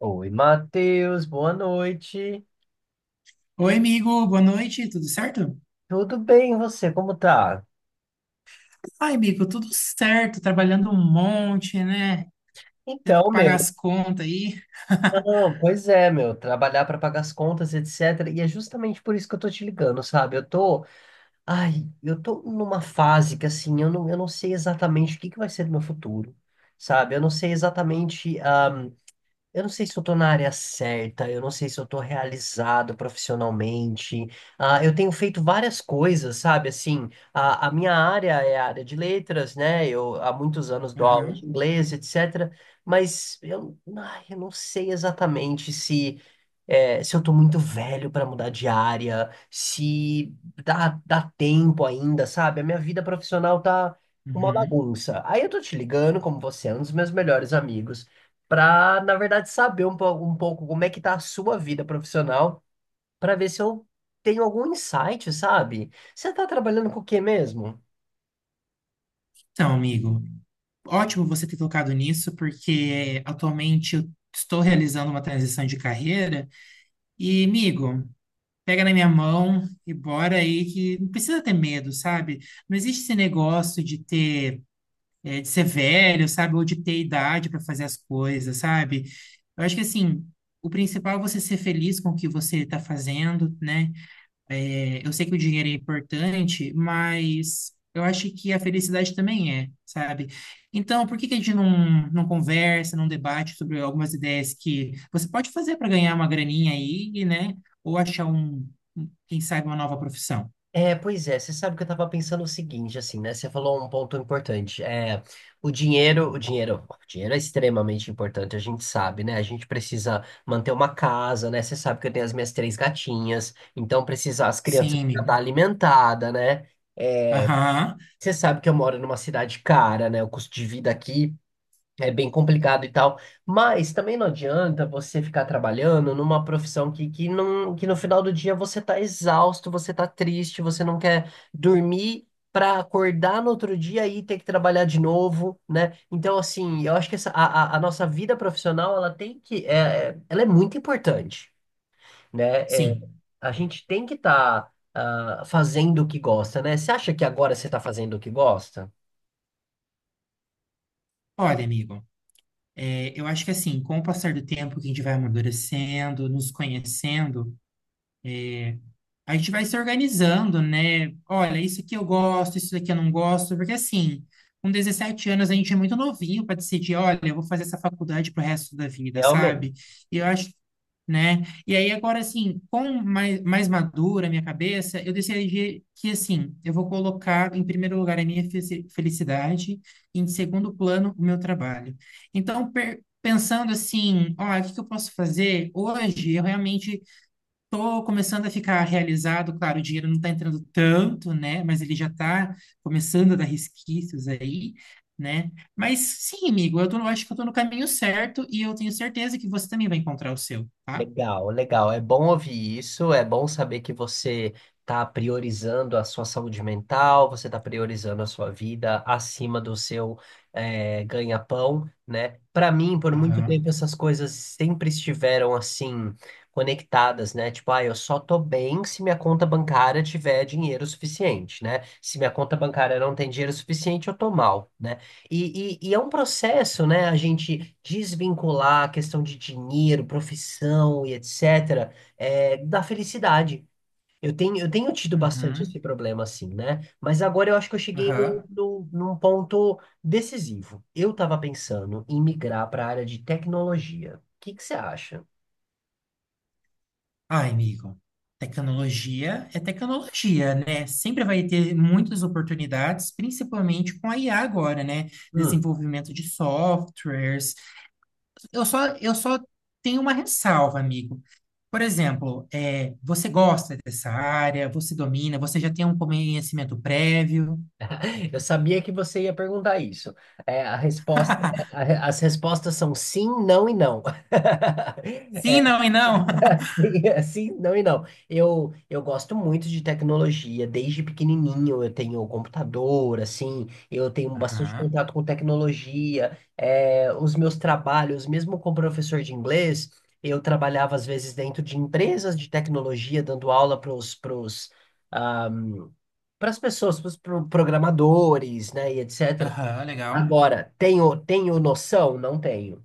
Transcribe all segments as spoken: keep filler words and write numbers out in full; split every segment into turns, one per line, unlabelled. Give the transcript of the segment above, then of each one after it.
Oi, Matheus, boa noite.
Oi, amigo, boa noite, tudo certo?
Tudo bem, e você? Como tá?
Ai, amigo, tudo certo, trabalhando um monte, né? Tendo
Então,
que pagar
meu,
as contas aí.
não, pois é, meu, trabalhar para pagar as contas, etcétera. E é justamente por isso que eu tô te ligando, sabe? Eu tô, ai, eu tô numa fase que assim, eu não, eu não sei exatamente o que que vai ser do meu futuro, sabe? Eu não sei exatamente. ah, Eu não sei se eu tô na área certa, eu não sei se eu tô realizado profissionalmente. Ah, eu tenho feito várias coisas, sabe? Assim, a, a minha área é a área de letras, né? Eu há muitos anos dou aula de
Aham,
inglês, etcétera. Mas eu, ai, eu não sei exatamente se é, se eu tô muito velho pra mudar de área, se dá, dá tempo ainda, sabe? A minha vida profissional tá uma
uhum.
bagunça. Aí eu tô te ligando, como você é um dos meus melhores amigos, pra, na verdade, saber um, po- um pouco como é que tá a sua vida profissional, pra ver se eu tenho algum insight, sabe? Você tá trabalhando com o quê mesmo?
Então, amigo, ótimo você ter tocado nisso, porque atualmente eu estou realizando uma transição de carreira. E, amigo, pega na minha mão e bora aí, que não precisa ter medo, sabe? Não existe esse negócio de ter, é, de ser velho, sabe? Ou de ter idade para fazer as coisas, sabe? Eu acho que assim, o principal é você ser feliz com o que você está fazendo, né? É, eu sei que o dinheiro é importante, mas eu acho que a felicidade também é, sabe? Então, por que que a gente não, não conversa, não debate sobre algumas ideias que você pode fazer para ganhar uma graninha aí, né? Ou achar um, um- quem sabe, uma nova profissão?
É, pois é, você sabe que eu tava pensando o seguinte, assim, né? Você falou um ponto importante. É, o dinheiro, o dinheiro, o dinheiro é extremamente importante, a gente sabe, né? A gente precisa manter uma casa, né? Você sabe que eu tenho as minhas três gatinhas, então precisa, as crianças
Sim,
precisam estar
amigo.
alimentadas, né?
Aham,
Você sabe que eu moro numa cidade cara, né? O custo de vida aqui é bem complicado e tal, mas também não adianta você ficar trabalhando numa profissão que, que, não, que no final do dia você tá exausto, você tá triste, você não quer dormir para acordar no outro dia e ter que trabalhar de novo, né? Então, assim, eu acho que essa, a, a- a nossa vida profissional, ela tem que, é, é- ela é muito importante, né? É,
sim.
a gente tem que estar fazendo o que gosta, né? Você acha que agora você está fazendo o que gosta?
Olha, amigo. É, eu acho que assim, com o passar do tempo que a gente vai amadurecendo, nos conhecendo, a gente vai se organizando, né? Olha, isso aqui eu gosto, isso daqui eu não gosto, porque assim, com dezessete anos a gente é muito novinho para decidir, olha, eu vou fazer essa faculdade pro resto da vida,
Realmente.
sabe? E eu acho, né? E aí agora, assim, com mais, mais madura a minha cabeça, eu decidi que, assim, eu vou colocar em primeiro lugar a minha fe- felicidade e em segundo plano o meu trabalho. Então, per- pensando assim, ó, o que que eu posso fazer hoje? Eu realmente tô começando a ficar realizado, claro, o dinheiro não tá entrando tanto, né? Mas ele já tá começando a dar resquícios aí, né? Mas sim, amigo, eu tô, eu acho que eu tô no caminho certo e eu tenho certeza que você também vai encontrar o seu, tá?
Legal, legal. É bom ouvir isso, é bom saber que você está priorizando a sua saúde mental, você está priorizando a sua vida acima do seu eh, ganha-pão, né? Para mim, por muito tempo,
Aham,
essas coisas sempre estiveram assim, conectadas, né? Tipo, ah, eu só tô bem se minha conta bancária tiver dinheiro suficiente, né? Se minha conta bancária não tem dinheiro suficiente, eu tô mal, né? E, e- e é um processo, né? A gente desvincular a questão de dinheiro, profissão e etcétera, é, da felicidade. Eu tenho, eu tenho tido bastante esse
uhum,
problema, assim, né? Mas agora eu acho que eu cheguei no
aham.
no num ponto decisivo. Eu estava pensando em migrar para a área de tecnologia. O que que você acha?
Ai, amigo, tecnologia é tecnologia, né? Sempre vai ter muitas oportunidades, principalmente com a I A agora, né?
Hum,
Desenvolvimento de softwares. Eu só, eu só tenho uma ressalva, amigo. Por exemplo, é, você gosta dessa área, você domina, você já tem um conhecimento prévio?
eu sabia que você ia perguntar isso. É, a resposta, é, a re- as respostas são sim, não e não.
Sim, não e não.
Sim, sim, não e não. Eu, eu gosto muito de tecnologia, desde pequenininho eu tenho computador, assim, eu tenho bastante
Aham,
contato com tecnologia, é, os meus trabalhos, mesmo como professor de inglês, eu trabalhava às vezes dentro de empresas de tecnologia, dando aula para os, para os, ah, para as pessoas, para os programadores, né, e etcétera.
aham, legal.
Agora, tenho, tenho noção? Não tenho.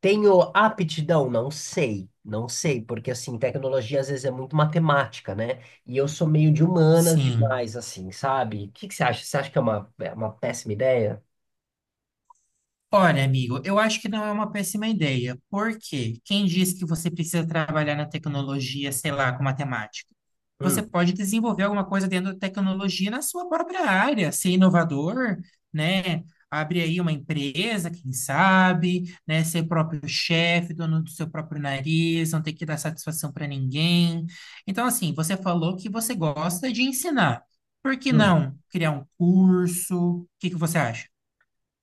Tenho aptidão? Não sei, não sei, porque assim, tecnologia às vezes é muito matemática, né? E eu sou meio de humanas
Sim.
demais, assim, sabe? O que que você acha? Você acha que é uma, é uma péssima ideia?
Olha, amigo, eu acho que não é uma péssima ideia. Por quê? Quem diz que você precisa trabalhar na tecnologia, sei lá, com matemática? Você
Hum,
pode desenvolver alguma coisa dentro da tecnologia na sua própria área, ser inovador, né? Abre aí uma empresa, quem sabe, né? Ser próprio chefe, dono do seu próprio nariz, não ter que dar satisfação para ninguém. Então, assim, você falou que você gosta de ensinar. Por que
hum.
não criar um curso? O que que você acha?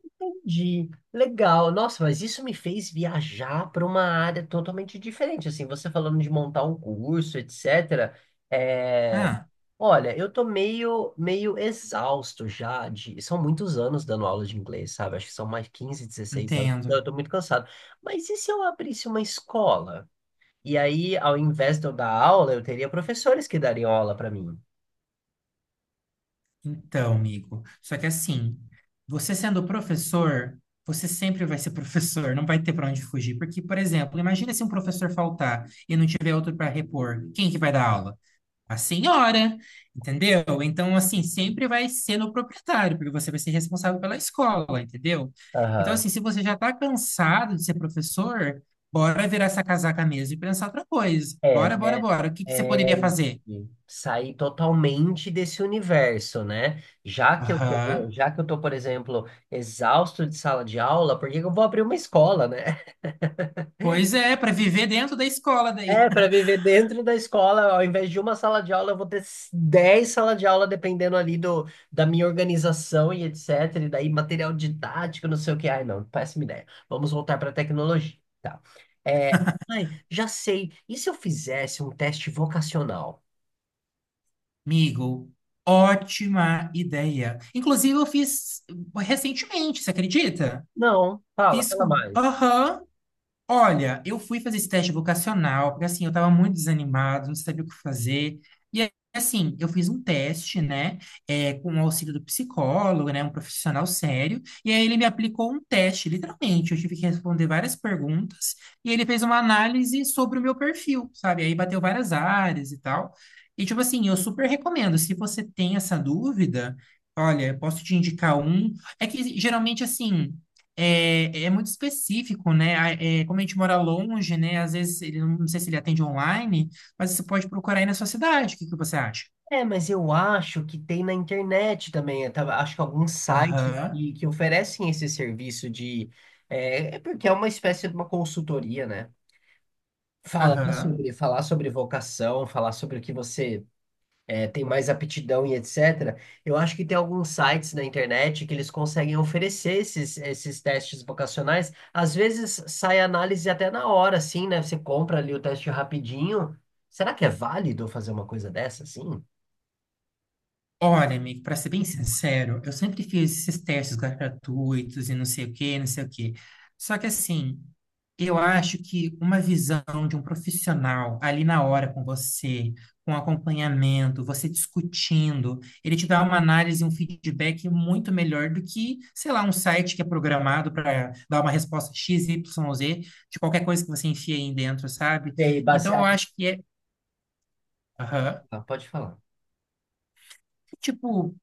Entendi. Legal. Nossa, mas isso me fez viajar para uma área totalmente diferente. Assim, você falando de montar um curso, etcétera. É...
Ah,
Olha, eu tô meio, meio exausto já de... São muitos anos dando aula de inglês, sabe? Acho que são mais quinze dezesseis anos. Então,
entendo.
eu tô muito cansado. Mas e se eu abrisse uma escola? E aí, ao invés de eu dar aula, eu teria professores que dariam aula para mim.
Então, amigo, só que assim, você sendo professor, você sempre vai ser professor, não vai ter para onde fugir. Porque, por exemplo, imagina se um professor faltar e não tiver outro para repor, quem que vai dar aula? A senhora, entendeu? Então, assim, sempre vai ser no proprietário, porque você vai ser responsável pela escola, entendeu? Então,
Aham.
assim, se você já está cansado de ser professor, bora virar essa casaca mesmo e pensar outra coisa.
É,
Bora, bora,
né?
bora. O que que você
É,
poderia fazer?
e sair totalmente desse universo, né? Já que eu tô,
Aham.
já que eu tô, por exemplo, exausto de sala de aula, por que que eu vou abrir uma escola, né?
Pois é, para viver dentro da escola daí.
É, para viver dentro da escola, ao invés de uma sala de aula, eu vou ter dez salas de aula, dependendo ali do, da minha organização e etcétera. E daí material didático, não sei o que. Ai, não, péssima ideia. Vamos voltar para a tecnologia, tá? É, ai, já sei. E se eu fizesse um teste vocacional?
Amigo, ótima ideia. Inclusive, eu fiz recentemente, você acredita?
Não, fala,
Fiz
fala
com.
mais.
Aham. Olha, eu fui fazer esse teste vocacional, porque assim, eu tava muito desanimado, não sabia o que fazer. E aí, assim, eu fiz um teste, né, é, com o auxílio do psicólogo, né, um profissional sério, e aí ele me aplicou um teste, literalmente. Eu tive que responder várias perguntas, e ele fez uma análise sobre o meu perfil, sabe? Aí bateu várias áreas e tal. E tipo assim, eu super recomendo, se você tem essa dúvida, olha, eu posso te indicar um. É que geralmente assim. É, é muito específico, né? A- é, como a gente mora longe, né? Às vezes, ele, não sei se ele atende online, mas você pode procurar aí na sua cidade. O que que você acha?
É, mas eu acho que tem na internet também. Eu tava- acho que alguns sites
Aham,
que, que oferecem esse serviço de. É, é porque é uma espécie de uma consultoria, né? Falar
aham.
sobre, falar sobre vocação, falar sobre o que você tem mais aptidão e etcétera. Eu acho que tem alguns sites na internet que eles conseguem oferecer esses, esses testes vocacionais. Às vezes sai análise até na hora, assim, né? Você compra ali o teste rapidinho. Será que é válido fazer uma coisa dessa, assim?
Olha, amigo, para ser bem sincero, eu sempre fiz esses testes gratuitos e não sei o quê, não sei o quê. Só que assim, eu acho que uma visão de um profissional ali na hora com você, com acompanhamento, você discutindo, ele te dá uma análise, um feedback muito melhor do que, sei lá, um site que é programado para dar uma resposta X, Y, Z de qualquer coisa que você enfia aí dentro, sabe?
E aí,
Então eu
baseado...
acho que é, aham.
Ah, pode falar.
Tipo,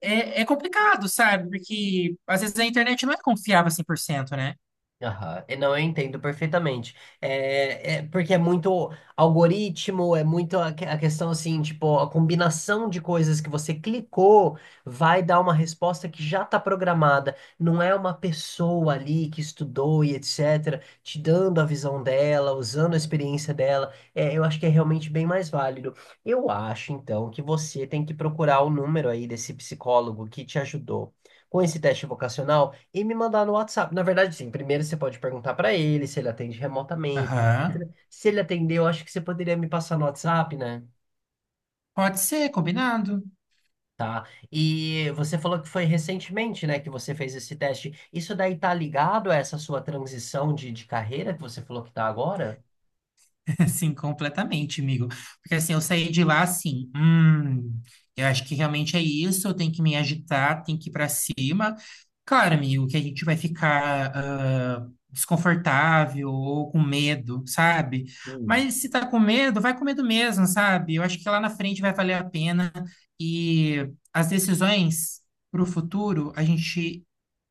É, é complicado, sabe? Porque às vezes a internet não é confiável cem por cento, né?
Aham. E não, eu entendo perfeitamente. É, é porque é muito algoritmo, é muito a, que- a questão assim, tipo, a combinação de coisas que você clicou vai dar uma resposta que já está programada. Não é uma pessoa ali que estudou e etcétera, te dando a visão dela, usando a experiência dela. É, eu acho que é realmente bem mais válido. Eu acho, então, que você tem que procurar o número aí desse psicólogo que te ajudou com esse teste vocacional e me mandar no WhatsApp. Na verdade, sim, primeiro você pode perguntar para ele se ele atende remotamente.
Aham.
Se ele atendeu, acho que você poderia me passar no WhatsApp, né?
Pode ser, combinado.
Tá. E você falou que foi recentemente, né, que você fez esse teste. Isso daí tá ligado a essa sua transição de, de carreira que você falou que tá agora?
Assim, completamente, amigo. Porque assim, eu saí de lá assim, hum, eu acho que realmente é isso, eu tenho que me agitar, tenho que ir pra cima. Claro, amigo, que a gente vai ficar ah, desconfortável ou com medo, sabe?
Hum.
Mas se tá com medo, vai com medo mesmo, sabe? Eu acho que lá na frente vai valer a pena e as decisões pro futuro a gente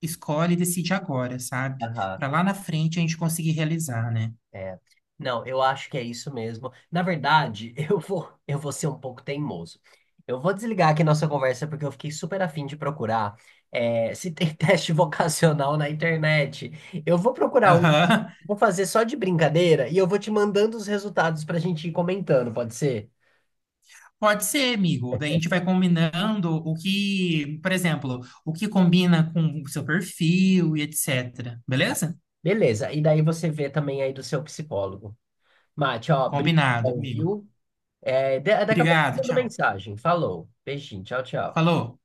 escolhe e decide agora, sabe?
Aham.
Pra lá na frente a gente conseguir realizar, né?
É. Não, eu acho que é isso mesmo. Na verdade, eu vou, eu vou ser um pouco teimoso. Eu vou desligar aqui nossa conversa porque eu fiquei super afim de procurar é, se tem teste vocacional na internet. Eu vou procurar um,
Aham.
vou fazer só de brincadeira e eu vou te mandando os resultados para a gente ir comentando, pode ser?
Pode ser, amigo. Daí a gente vai combinando o que, por exemplo, o que combina com o seu perfil e et cetera. Beleza?
Beleza, e daí você vê também aí do seu psicólogo. Mate, ó,
Combinado,
brincadão,
amigo.
viu? É, da- daqui a pouco eu
Obrigado,
mando
tchau.
mensagem. Falou, beijinho, tchau, tchau.
Falou.